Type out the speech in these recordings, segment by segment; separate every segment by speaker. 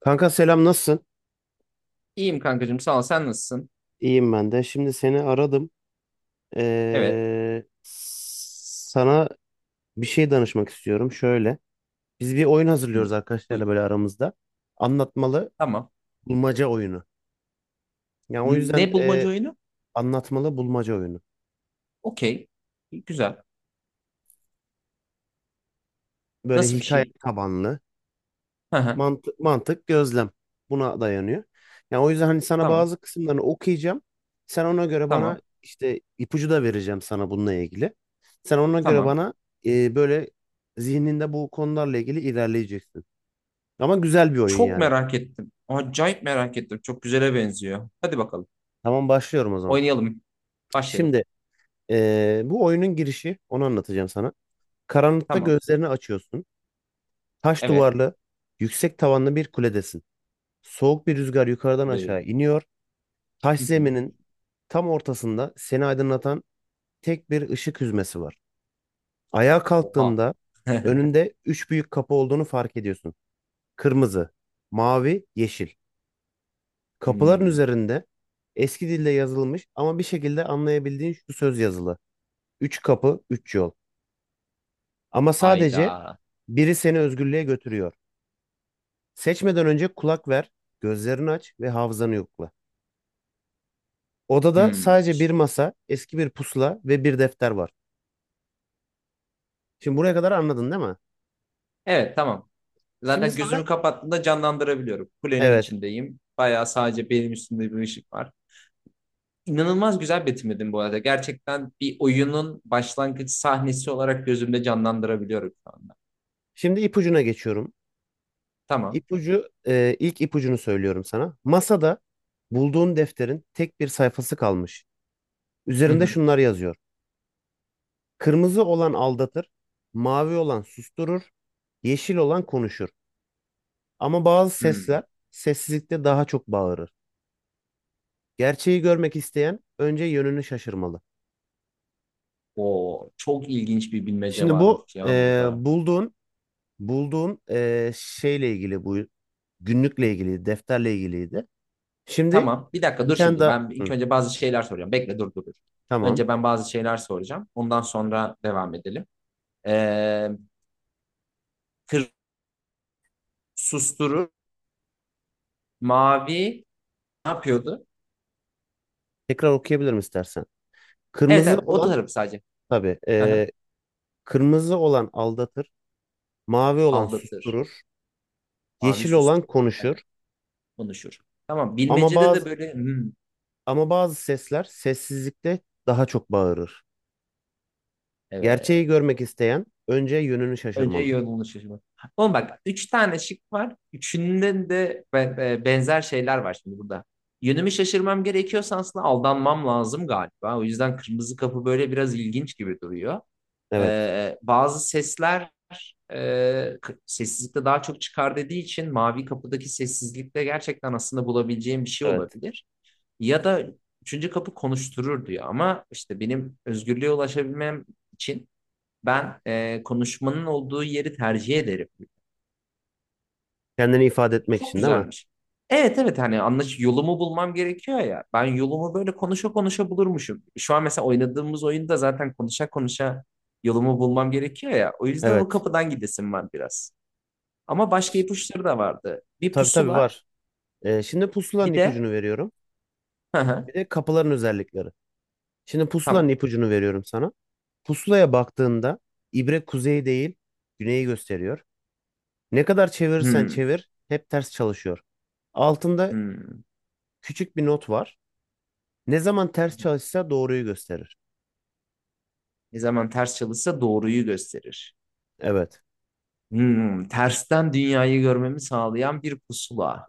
Speaker 1: Kanka selam nasılsın?
Speaker 2: İyiyim kankacığım sağ ol. Sen nasılsın?
Speaker 1: İyiyim ben de. Şimdi seni aradım.
Speaker 2: Evet.
Speaker 1: Sana bir şey danışmak istiyorum. Şöyle. Biz bir oyun
Speaker 2: Hı,
Speaker 1: hazırlıyoruz arkadaşlarla
Speaker 2: buyur.
Speaker 1: böyle aramızda. Anlatmalı
Speaker 2: Tamam.
Speaker 1: bulmaca oyunu. Yani o
Speaker 2: N-
Speaker 1: yüzden
Speaker 2: Ne bulmaca oyunu?
Speaker 1: anlatmalı bulmaca oyunu.
Speaker 2: Okey. İyi, güzel.
Speaker 1: Böyle
Speaker 2: Nasıl bir
Speaker 1: hikaye
Speaker 2: şey?
Speaker 1: tabanlı.
Speaker 2: Hı hı.
Speaker 1: Mantık, gözlem buna dayanıyor. Yani o yüzden hani sana
Speaker 2: Tamam.
Speaker 1: bazı kısımlarını okuyacağım. Sen ona göre bana
Speaker 2: Tamam.
Speaker 1: işte ipucu da vereceğim sana bununla ilgili. Sen ona göre
Speaker 2: Tamam.
Speaker 1: bana böyle zihninde bu konularla ilgili ilerleyeceksin. Ama güzel bir oyun
Speaker 2: Çok
Speaker 1: yani.
Speaker 2: merak ettim. Acayip merak ettim. Çok güzele benziyor. Hadi bakalım.
Speaker 1: Tamam başlıyorum o zaman.
Speaker 2: Oynayalım. Başlayalım.
Speaker 1: Şimdi bu oyunun girişi onu anlatacağım sana. Karanlıkta
Speaker 2: Tamam.
Speaker 1: gözlerini açıyorsun. Taş
Speaker 2: Evet.
Speaker 1: duvarlı, yüksek tavanlı bir kuledesin. Soğuk bir rüzgar yukarıdan
Speaker 2: Lı.
Speaker 1: aşağı iniyor. Taş
Speaker 2: Hı hı.
Speaker 1: zeminin tam ortasında seni aydınlatan tek bir ışık hüzmesi var. Ayağa
Speaker 2: Oha.
Speaker 1: kalktığında önünde üç büyük kapı olduğunu fark ediyorsun. Kırmızı, mavi, yeşil. Kapıların
Speaker 2: Hmm.
Speaker 1: üzerinde eski dille yazılmış ama bir şekilde anlayabildiğin şu söz yazılı. Üç kapı, üç yol. Ama sadece
Speaker 2: Ayda.
Speaker 1: biri seni özgürlüğe götürüyor. Seçmeden önce kulak ver, gözlerini aç ve hafızanı yokla. Odada
Speaker 2: Hmm.
Speaker 1: sadece bir masa, eski bir pusula ve bir defter var. Şimdi buraya kadar anladın değil mi?
Speaker 2: Evet, tamam.
Speaker 1: Şimdi
Speaker 2: Zaten
Speaker 1: sana
Speaker 2: gözümü kapattığımda canlandırabiliyorum. Kulenin
Speaker 1: evet.
Speaker 2: içindeyim. Bayağı sadece benim üstümde bir ışık var. İnanılmaz güzel betimledin bu arada. Gerçekten bir oyunun başlangıç sahnesi olarak gözümde canlandırabiliyorum şu anda.
Speaker 1: Şimdi ipucuna geçiyorum.
Speaker 2: Tamam.
Speaker 1: İpucu ilk ipucunu söylüyorum sana. Masada bulduğun defterin tek bir sayfası kalmış.
Speaker 2: Hı
Speaker 1: Üzerinde
Speaker 2: hı.
Speaker 1: şunlar yazıyor. Kırmızı olan aldatır, mavi olan susturur, yeşil olan konuşur. Ama bazı
Speaker 2: Hmm.
Speaker 1: sesler sessizlikte daha çok bağırır. Gerçeği görmek isteyen önce yönünü şaşırmalı.
Speaker 2: Oo, çok ilginç bir bilmece
Speaker 1: Şimdi bu
Speaker 2: varmış ya burada.
Speaker 1: bulduğun şeyle ilgili, bu günlükle ilgili, defterle ilgiliydi. Şimdi
Speaker 2: Tamam. Bir dakika
Speaker 1: bir
Speaker 2: dur
Speaker 1: tane
Speaker 2: şimdi.
Speaker 1: daha.
Speaker 2: Ben ilk
Speaker 1: Hı,
Speaker 2: önce bazı şeyler soracağım. Bekle, dur, dur, dur.
Speaker 1: tamam.
Speaker 2: Önce ben bazı şeyler soracağım. Ondan sonra devam edelim. Ee, kır susturur. Mavi ne yapıyordu?
Speaker 1: Tekrar okuyabilirim istersen.
Speaker 2: Evet,
Speaker 1: Kırmızı
Speaker 2: evet, o
Speaker 1: olan
Speaker 2: tarafı sadece.
Speaker 1: tabii.
Speaker 2: Hı hı.
Speaker 1: Kırmızı olan aldatır. Mavi olan
Speaker 2: Aldatır.
Speaker 1: susturur.
Speaker 2: Mavi
Speaker 1: Yeşil olan
Speaker 2: susturur.
Speaker 1: konuşur.
Speaker 2: Aynen. Konuşur. Tamam,
Speaker 1: Ama
Speaker 2: bilmecede de
Speaker 1: bazı
Speaker 2: böyle.
Speaker 1: Ama bazı sesler sessizlikte daha çok bağırır. Gerçeği
Speaker 2: Evet.
Speaker 1: görmek isteyen önce yönünü
Speaker 2: Önce
Speaker 1: şaşırmalı.
Speaker 2: yolunu şaşırmak. Oğlum bak üç tane şık var. Üçünden de benzer şeyler var şimdi burada. Yönümü şaşırmam gerekiyorsa aslında aldanmam lazım galiba. O yüzden kırmızı kapı böyle biraz ilginç gibi duruyor.
Speaker 1: Evet.
Speaker 2: Bazı sesler sessizlikte daha çok çıkar dediği için mavi kapıdaki sessizlikte gerçekten aslında bulabileceğim bir şey
Speaker 1: Evet.
Speaker 2: olabilir. Ya da üçüncü kapı konuşturur diyor ama işte benim özgürlüğe ulaşabilmem için ben konuşmanın olduğu yeri tercih ederim.
Speaker 1: Kendini ifade etmek
Speaker 2: Çok
Speaker 1: için değil mi?
Speaker 2: güzelmiş. Evet, evet, hani anlaş yolumu bulmam gerekiyor ya. Ben yolumu böyle konuşa konuşa bulurmuşum. Şu an mesela oynadığımız oyunda zaten konuşa konuşa yolumu bulmam gerekiyor ya. O yüzden o
Speaker 1: Evet.
Speaker 2: kapıdan gidesim var biraz. Ama başka
Speaker 1: Ş-
Speaker 2: ipuçları da vardı. Bir
Speaker 1: Tabii tabii
Speaker 2: pusula,
Speaker 1: var. E, şimdi pusulanın
Speaker 2: bir de
Speaker 1: ipucunu veriyorum.
Speaker 2: Hı hı,
Speaker 1: Bir de kapıların özellikleri. Şimdi pusulanın
Speaker 2: tamam.
Speaker 1: ipucunu veriyorum sana. Pusulaya baktığında ibre kuzey değil güneyi gösteriyor. Ne kadar çevirirsen
Speaker 2: Hmm,
Speaker 1: çevir hep ters çalışıyor. Altında
Speaker 2: hmm.
Speaker 1: küçük bir not var. Ne zaman ters çalışsa doğruyu gösterir.
Speaker 2: Ne zaman ters çalışsa doğruyu gösterir.
Speaker 1: Evet,
Speaker 2: Tersten dünyayı görmemi sağlayan bir pusula.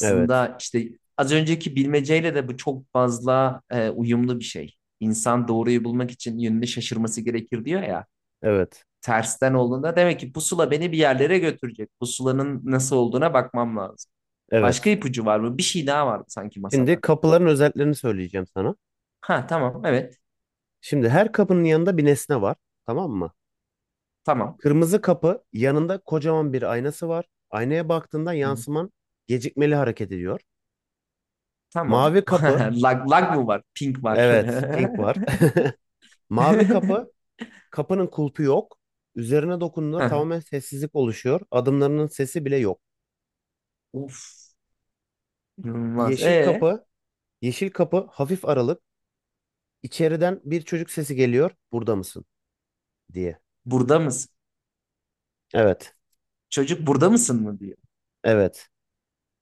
Speaker 1: evet,
Speaker 2: işte az önceki bilmeceyle de bu çok fazla uyumlu bir şey. İnsan doğruyu bulmak için yönünü şaşırması gerekir diyor ya.
Speaker 1: evet,
Speaker 2: Tersten olduğunda demek ki pusula beni bir yerlere götürecek. Pusulanın nasıl olduğuna bakmam lazım. Başka
Speaker 1: evet.
Speaker 2: ipucu var mı? Bir şey daha var sanki
Speaker 1: Şimdi
Speaker 2: masada.
Speaker 1: kapıların özelliklerini söyleyeceğim sana.
Speaker 2: Ha, tamam, evet,
Speaker 1: Şimdi her kapının yanında bir nesne var, tamam mı?
Speaker 2: tamam.
Speaker 1: Kırmızı kapı yanında kocaman bir aynası var. Aynaya baktığında
Speaker 2: Hı,
Speaker 1: yansıman gecikmeli hareket ediyor.
Speaker 2: tamam.
Speaker 1: Mavi kapı,
Speaker 2: Lag mı var? Pink var.
Speaker 1: evet, pink var. Mavi kapı, kapının kulpu yok. Üzerine dokunduğunda tamamen sessizlik oluşuyor. Adımlarının sesi bile yok.
Speaker 2: Of. İnanılmaz.
Speaker 1: Yeşil
Speaker 2: E.
Speaker 1: kapı, yeşil kapı hafif aralık. İçeriden bir çocuk sesi geliyor. Burada mısın? Diye.
Speaker 2: Burada mısın?
Speaker 1: Evet.
Speaker 2: Çocuk burada mısın mı diyor.
Speaker 1: Evet.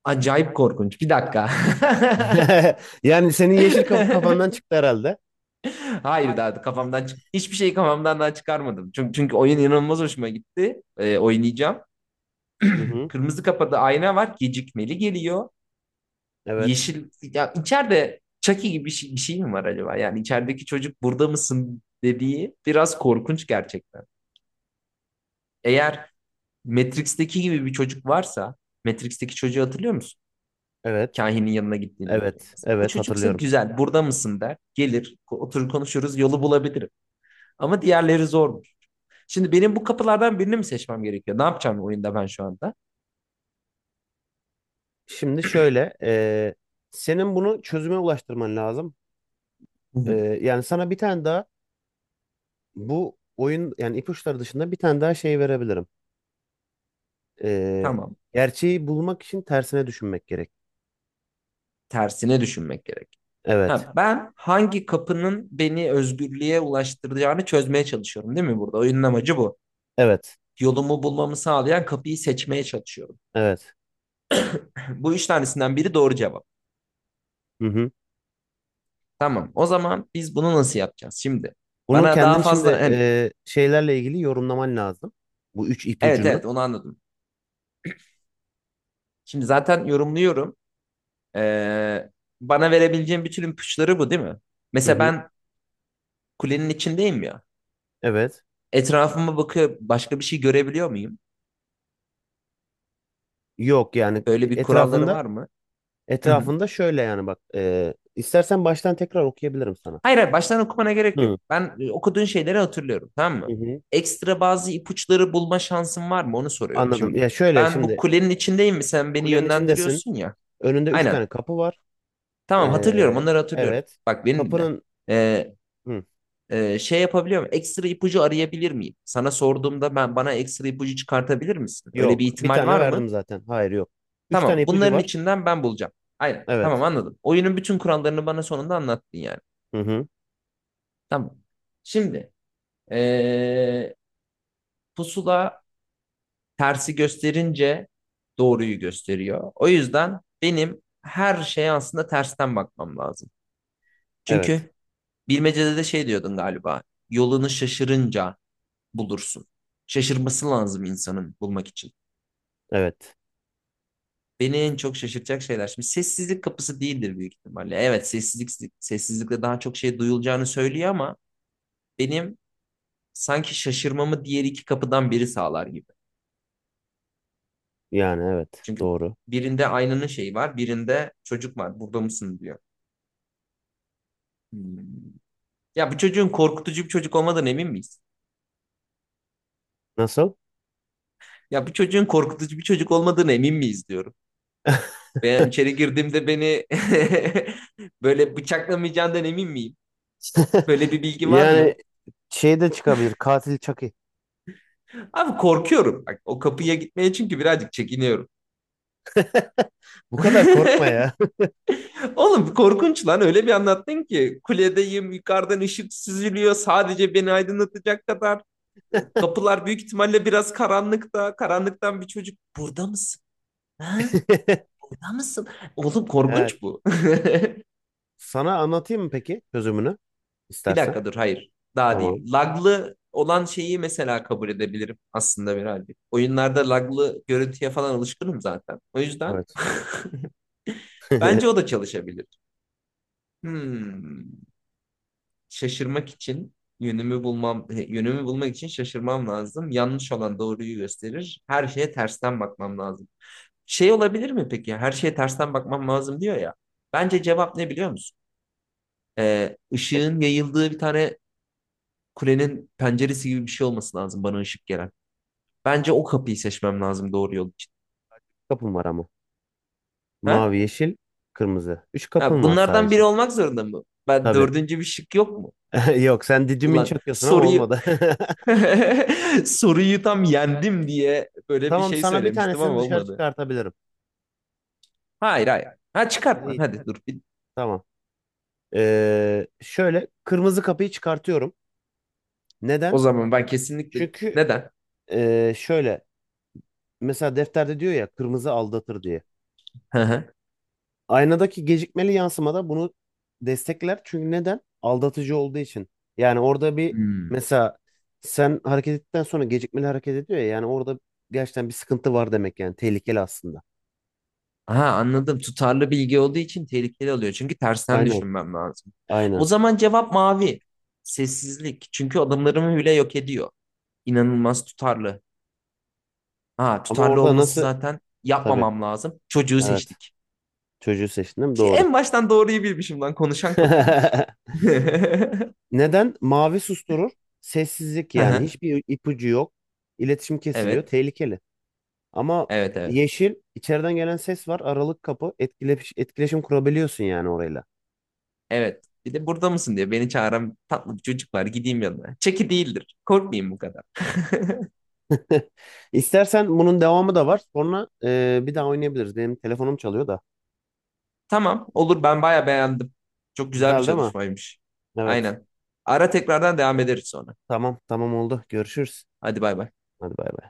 Speaker 2: Acayip korkunç. Bir dakika.
Speaker 1: Yani senin yeşil kapı kafandan çıktı herhalde.
Speaker 2: Hayır, daha kafamdan çık hiçbir şeyi kafamdan daha çıkarmadım. Çünkü oyun inanılmaz hoşuma gitti. Oynayacağım.
Speaker 1: Hı hı.
Speaker 2: Kırmızı kapıda ayna var. Gecikmeli geliyor.
Speaker 1: Evet.
Speaker 2: Yeşil ya içeride Chucky gibi bir şey mi var acaba? Yani içerideki çocuk burada mısın dediği biraz korkunç gerçekten. Eğer Matrix'teki gibi bir çocuk varsa Matrix'teki çocuğu hatırlıyor musun?
Speaker 1: Evet.
Speaker 2: Kahinin yanına gittiğindeki.
Speaker 1: Evet.
Speaker 2: Mesela o
Speaker 1: Evet
Speaker 2: çocuksa
Speaker 1: hatırlıyorum.
Speaker 2: güzel burada mısın der. Gelir oturur konuşuruz yolu bulabilirim. Ama diğerleri zormuş. Şimdi benim bu kapılardan birini mi seçmem gerekiyor? Ne yapacağım oyunda ben şu anda?
Speaker 1: Şimdi şöyle, senin bunu çözüme ulaştırman lazım. Yani sana bir tane daha bu oyun yani ipuçları dışında bir tane daha şey verebilirim. Ee,
Speaker 2: Tamam.
Speaker 1: gerçeği bulmak için tersine düşünmek gerek.
Speaker 2: Tersine düşünmek gerek.
Speaker 1: Evet.
Speaker 2: Ha, ben hangi kapının beni özgürlüğe ulaştıracağını çözmeye çalışıyorum değil mi burada? Oyunun amacı bu.
Speaker 1: Evet.
Speaker 2: Yolumu bulmamı sağlayan kapıyı seçmeye çalışıyorum.
Speaker 1: Evet.
Speaker 2: Bu üç tanesinden biri doğru cevap.
Speaker 1: Hı hı.
Speaker 2: Tamam. O zaman biz bunu nasıl yapacağız şimdi?
Speaker 1: Bunun
Speaker 2: Bana daha
Speaker 1: kendini
Speaker 2: fazla
Speaker 1: şimdi
Speaker 2: hani
Speaker 1: şeylerle ilgili yorumlaman lazım. Bu üç
Speaker 2: evet
Speaker 1: ipucunu.
Speaker 2: evet, onu anladım. Şimdi zaten yorumluyorum. Ee, bana verebileceğim bütün ipuçları bu değil mi?
Speaker 1: Hı
Speaker 2: Mesela
Speaker 1: hı.
Speaker 2: ben kulenin içindeyim ya.
Speaker 1: Evet.
Speaker 2: Etrafıma bakıyor başka bir şey görebiliyor muyum?
Speaker 1: Yok yani
Speaker 2: Böyle bir kuralları
Speaker 1: etrafında
Speaker 2: var mı? Hı hı.
Speaker 1: etrafında şöyle yani bak istersen baştan tekrar okuyabilirim sana.
Speaker 2: Hayır, hayır, baştan okumana gerek yok.
Speaker 1: Hı.
Speaker 2: Ben okuduğun şeyleri hatırlıyorum, tamam
Speaker 1: Hı
Speaker 2: mı?
Speaker 1: hı.
Speaker 2: Ekstra bazı ipuçları bulma şansın var mı? Onu soruyorum
Speaker 1: Anladım.
Speaker 2: şimdi.
Speaker 1: Ya şöyle
Speaker 2: Ben bu
Speaker 1: şimdi
Speaker 2: kulenin içindeyim mi? Sen beni
Speaker 1: kulenin içindesin.
Speaker 2: yönlendiriyorsun ya.
Speaker 1: Önünde üç
Speaker 2: Aynen.
Speaker 1: tane kapı var.
Speaker 2: Tamam, hatırlıyorum
Speaker 1: Ee,
Speaker 2: onları hatırlıyorum.
Speaker 1: evet.
Speaker 2: Bak beni dinle.
Speaker 1: Kapının
Speaker 2: Ee,
Speaker 1: hı,
Speaker 2: şey yapabiliyor muyum? Ekstra ipucu arayabilir miyim? Sana sorduğumda ben bana ekstra ipucu çıkartabilir misin? Öyle bir
Speaker 1: yok. Bir
Speaker 2: ihtimal
Speaker 1: tane
Speaker 2: var mı?
Speaker 1: verdim zaten. Hayır yok. Üç tane
Speaker 2: Tamam.
Speaker 1: ipucu
Speaker 2: Bunların
Speaker 1: var.
Speaker 2: içinden ben bulacağım. Aynen. Tamam,
Speaker 1: Evet.
Speaker 2: anladım. Oyunun bütün kurallarını bana sonunda anlattın yani.
Speaker 1: Hı hı.
Speaker 2: Tamam. Şimdi ee, pusula tersi gösterince doğruyu gösteriyor. O yüzden benim her şeye aslında tersten bakmam lazım.
Speaker 1: Evet.
Speaker 2: Çünkü bilmecede de şey diyordun galiba. Yolunu şaşırınca bulursun. Şaşırması lazım insanın bulmak için.
Speaker 1: Evet.
Speaker 2: Beni en çok şaşırtacak şeyler. Şimdi sessizlik kapısı değildir büyük ihtimalle. Evet, sessizlik sessizlikle daha çok şey duyulacağını söylüyor ama benim sanki şaşırmamı diğer iki kapıdan biri sağlar gibi.
Speaker 1: Yani evet.
Speaker 2: Çünkü
Speaker 1: Doğru.
Speaker 2: birinde aynanın şeyi var, birinde çocuk var. Burada mısın diyor. Hmm. Ya bu çocuğun korkutucu bir çocuk olmadığına emin miyiz?
Speaker 1: Nasıl?
Speaker 2: Ya bu çocuğun korkutucu bir çocuk olmadığına emin miyiz diyorum. Ben içeri girdiğimde beni böyle bıçaklamayacağından emin miyim? Böyle bir bilgi var mı?
Speaker 1: Yani şey de çıkabilir. Katil Chucky.
Speaker 2: Abi, korkuyorum. Bak, o kapıya gitmeye çünkü birazcık çekiniyorum.
Speaker 1: Bu kadar korkma ya.
Speaker 2: Oğlum korkunç lan, öyle bir anlattın ki kuledeyim, yukarıdan ışık süzülüyor sadece beni aydınlatacak kadar, kapılar büyük ihtimalle biraz karanlıkta, karanlıktan bir çocuk burada mısın? Ha? Burada mısın? Oğlum
Speaker 1: Evet.
Speaker 2: korkunç bu.
Speaker 1: Sana anlatayım mı peki çözümünü?
Speaker 2: Bir
Speaker 1: İstersen.
Speaker 2: dakika dur, hayır daha
Speaker 1: Tamam.
Speaker 2: değil. Laglı olan şeyi mesela kabul edebilirim aslında birazcık. Oyunlarda laglı görüntüye falan alışkınım zaten. O yüzden
Speaker 1: Evet.
Speaker 2: bence o da çalışabilir. Hmm. Şaşırmak için yönümü bulmak için şaşırmam lazım. Yanlış olan doğruyu gösterir. Her şeye tersten bakmam lazım. Şey olabilir mi peki? Her şeye tersten bakmam lazım diyor ya. Bence cevap ne biliyor musun? Işığın yayıldığı bir tane kulenin penceresi gibi bir şey olması lazım bana ışık gelen. Bence o kapıyı seçmem lazım doğru yol için.
Speaker 1: Kapım var ama.
Speaker 2: Ha?
Speaker 1: Mavi, yeşil, kırmızı. Üç
Speaker 2: Ha,
Speaker 1: kapın var
Speaker 2: bunlardan biri
Speaker 1: sadece.
Speaker 2: olmak zorunda mı? Ben
Speaker 1: Tabii.
Speaker 2: dördüncü bir şık yok mu?
Speaker 1: Yok sen didimin
Speaker 2: Ulan
Speaker 1: çakıyorsun ama
Speaker 2: soruyu
Speaker 1: olmadı.
Speaker 2: Soruyu tam yendim diye böyle bir
Speaker 1: Tamam
Speaker 2: şey
Speaker 1: sana bir
Speaker 2: söylemiştim
Speaker 1: tanesini
Speaker 2: ama
Speaker 1: dışarı
Speaker 2: olmadı.
Speaker 1: çıkartabilirim.
Speaker 2: Hayır, hayır. Ha,
Speaker 1: Ha,
Speaker 2: çıkart lan
Speaker 1: İyi
Speaker 2: hadi dur.
Speaker 1: tamam. Şöyle kırmızı kapıyı çıkartıyorum.
Speaker 2: O
Speaker 1: Neden?
Speaker 2: zaman ben kesinlikle
Speaker 1: Çünkü
Speaker 2: neden?
Speaker 1: şöyle mesela defterde diyor ya kırmızı aldatır diye.
Speaker 2: Hı hı.
Speaker 1: Aynadaki gecikmeli yansımada bunu destekler. Çünkü neden? Aldatıcı olduğu için. Yani orada bir
Speaker 2: Hmm.
Speaker 1: mesela sen hareket ettikten sonra gecikmeli hareket ediyor ya. Yani orada gerçekten bir sıkıntı var demek yani. Tehlikeli aslında.
Speaker 2: Aha, anladım. Tutarlı bilgi olduğu için tehlikeli oluyor. Çünkü tersten
Speaker 1: Aynen.
Speaker 2: düşünmem lazım. O
Speaker 1: Aynen.
Speaker 2: zaman cevap mavi. Sessizlik. Çünkü adımlarımı bile yok ediyor. İnanılmaz tutarlı. Ha,
Speaker 1: Ama
Speaker 2: tutarlı
Speaker 1: orada
Speaker 2: olması
Speaker 1: nasıl?
Speaker 2: zaten
Speaker 1: Tabii.
Speaker 2: yapmamam lazım. Çocuğu
Speaker 1: Evet.
Speaker 2: seçtik.
Speaker 1: Çocuğu seçtim değil mi? Doğru.
Speaker 2: En baştan doğruyu bilmişim lan. Konuşan kapıymış. Hı
Speaker 1: Neden? Mavi susturur. Sessizlik yani.
Speaker 2: hı.
Speaker 1: Hiçbir ipucu yok. İletişim kesiliyor.
Speaker 2: Evet.
Speaker 1: Tehlikeli. Ama
Speaker 2: Evet, evet.
Speaker 1: yeşil içeriden gelen ses var. Aralık kapı. Etkileş, etkileşim kurabiliyorsun yani orayla.
Speaker 2: Evet. Bir de burada mısın diye beni çağıran tatlı bir çocuk var. Gideyim yanına. Çeki değildir. Korkmayayım bu kadar.
Speaker 1: İstersen bunun devamı da var. Sonra bir daha oynayabiliriz. Benim telefonum çalıyor da.
Speaker 2: Tamam. Olur, ben bayağı beğendim. Çok güzel bir
Speaker 1: Güzel değil mi?
Speaker 2: çalışmaymış.
Speaker 1: Evet.
Speaker 2: Aynen. Ara tekrardan devam ederiz sonra.
Speaker 1: Tamam tamam oldu. Görüşürüz.
Speaker 2: Hadi bay bay.
Speaker 1: Hadi bay bay.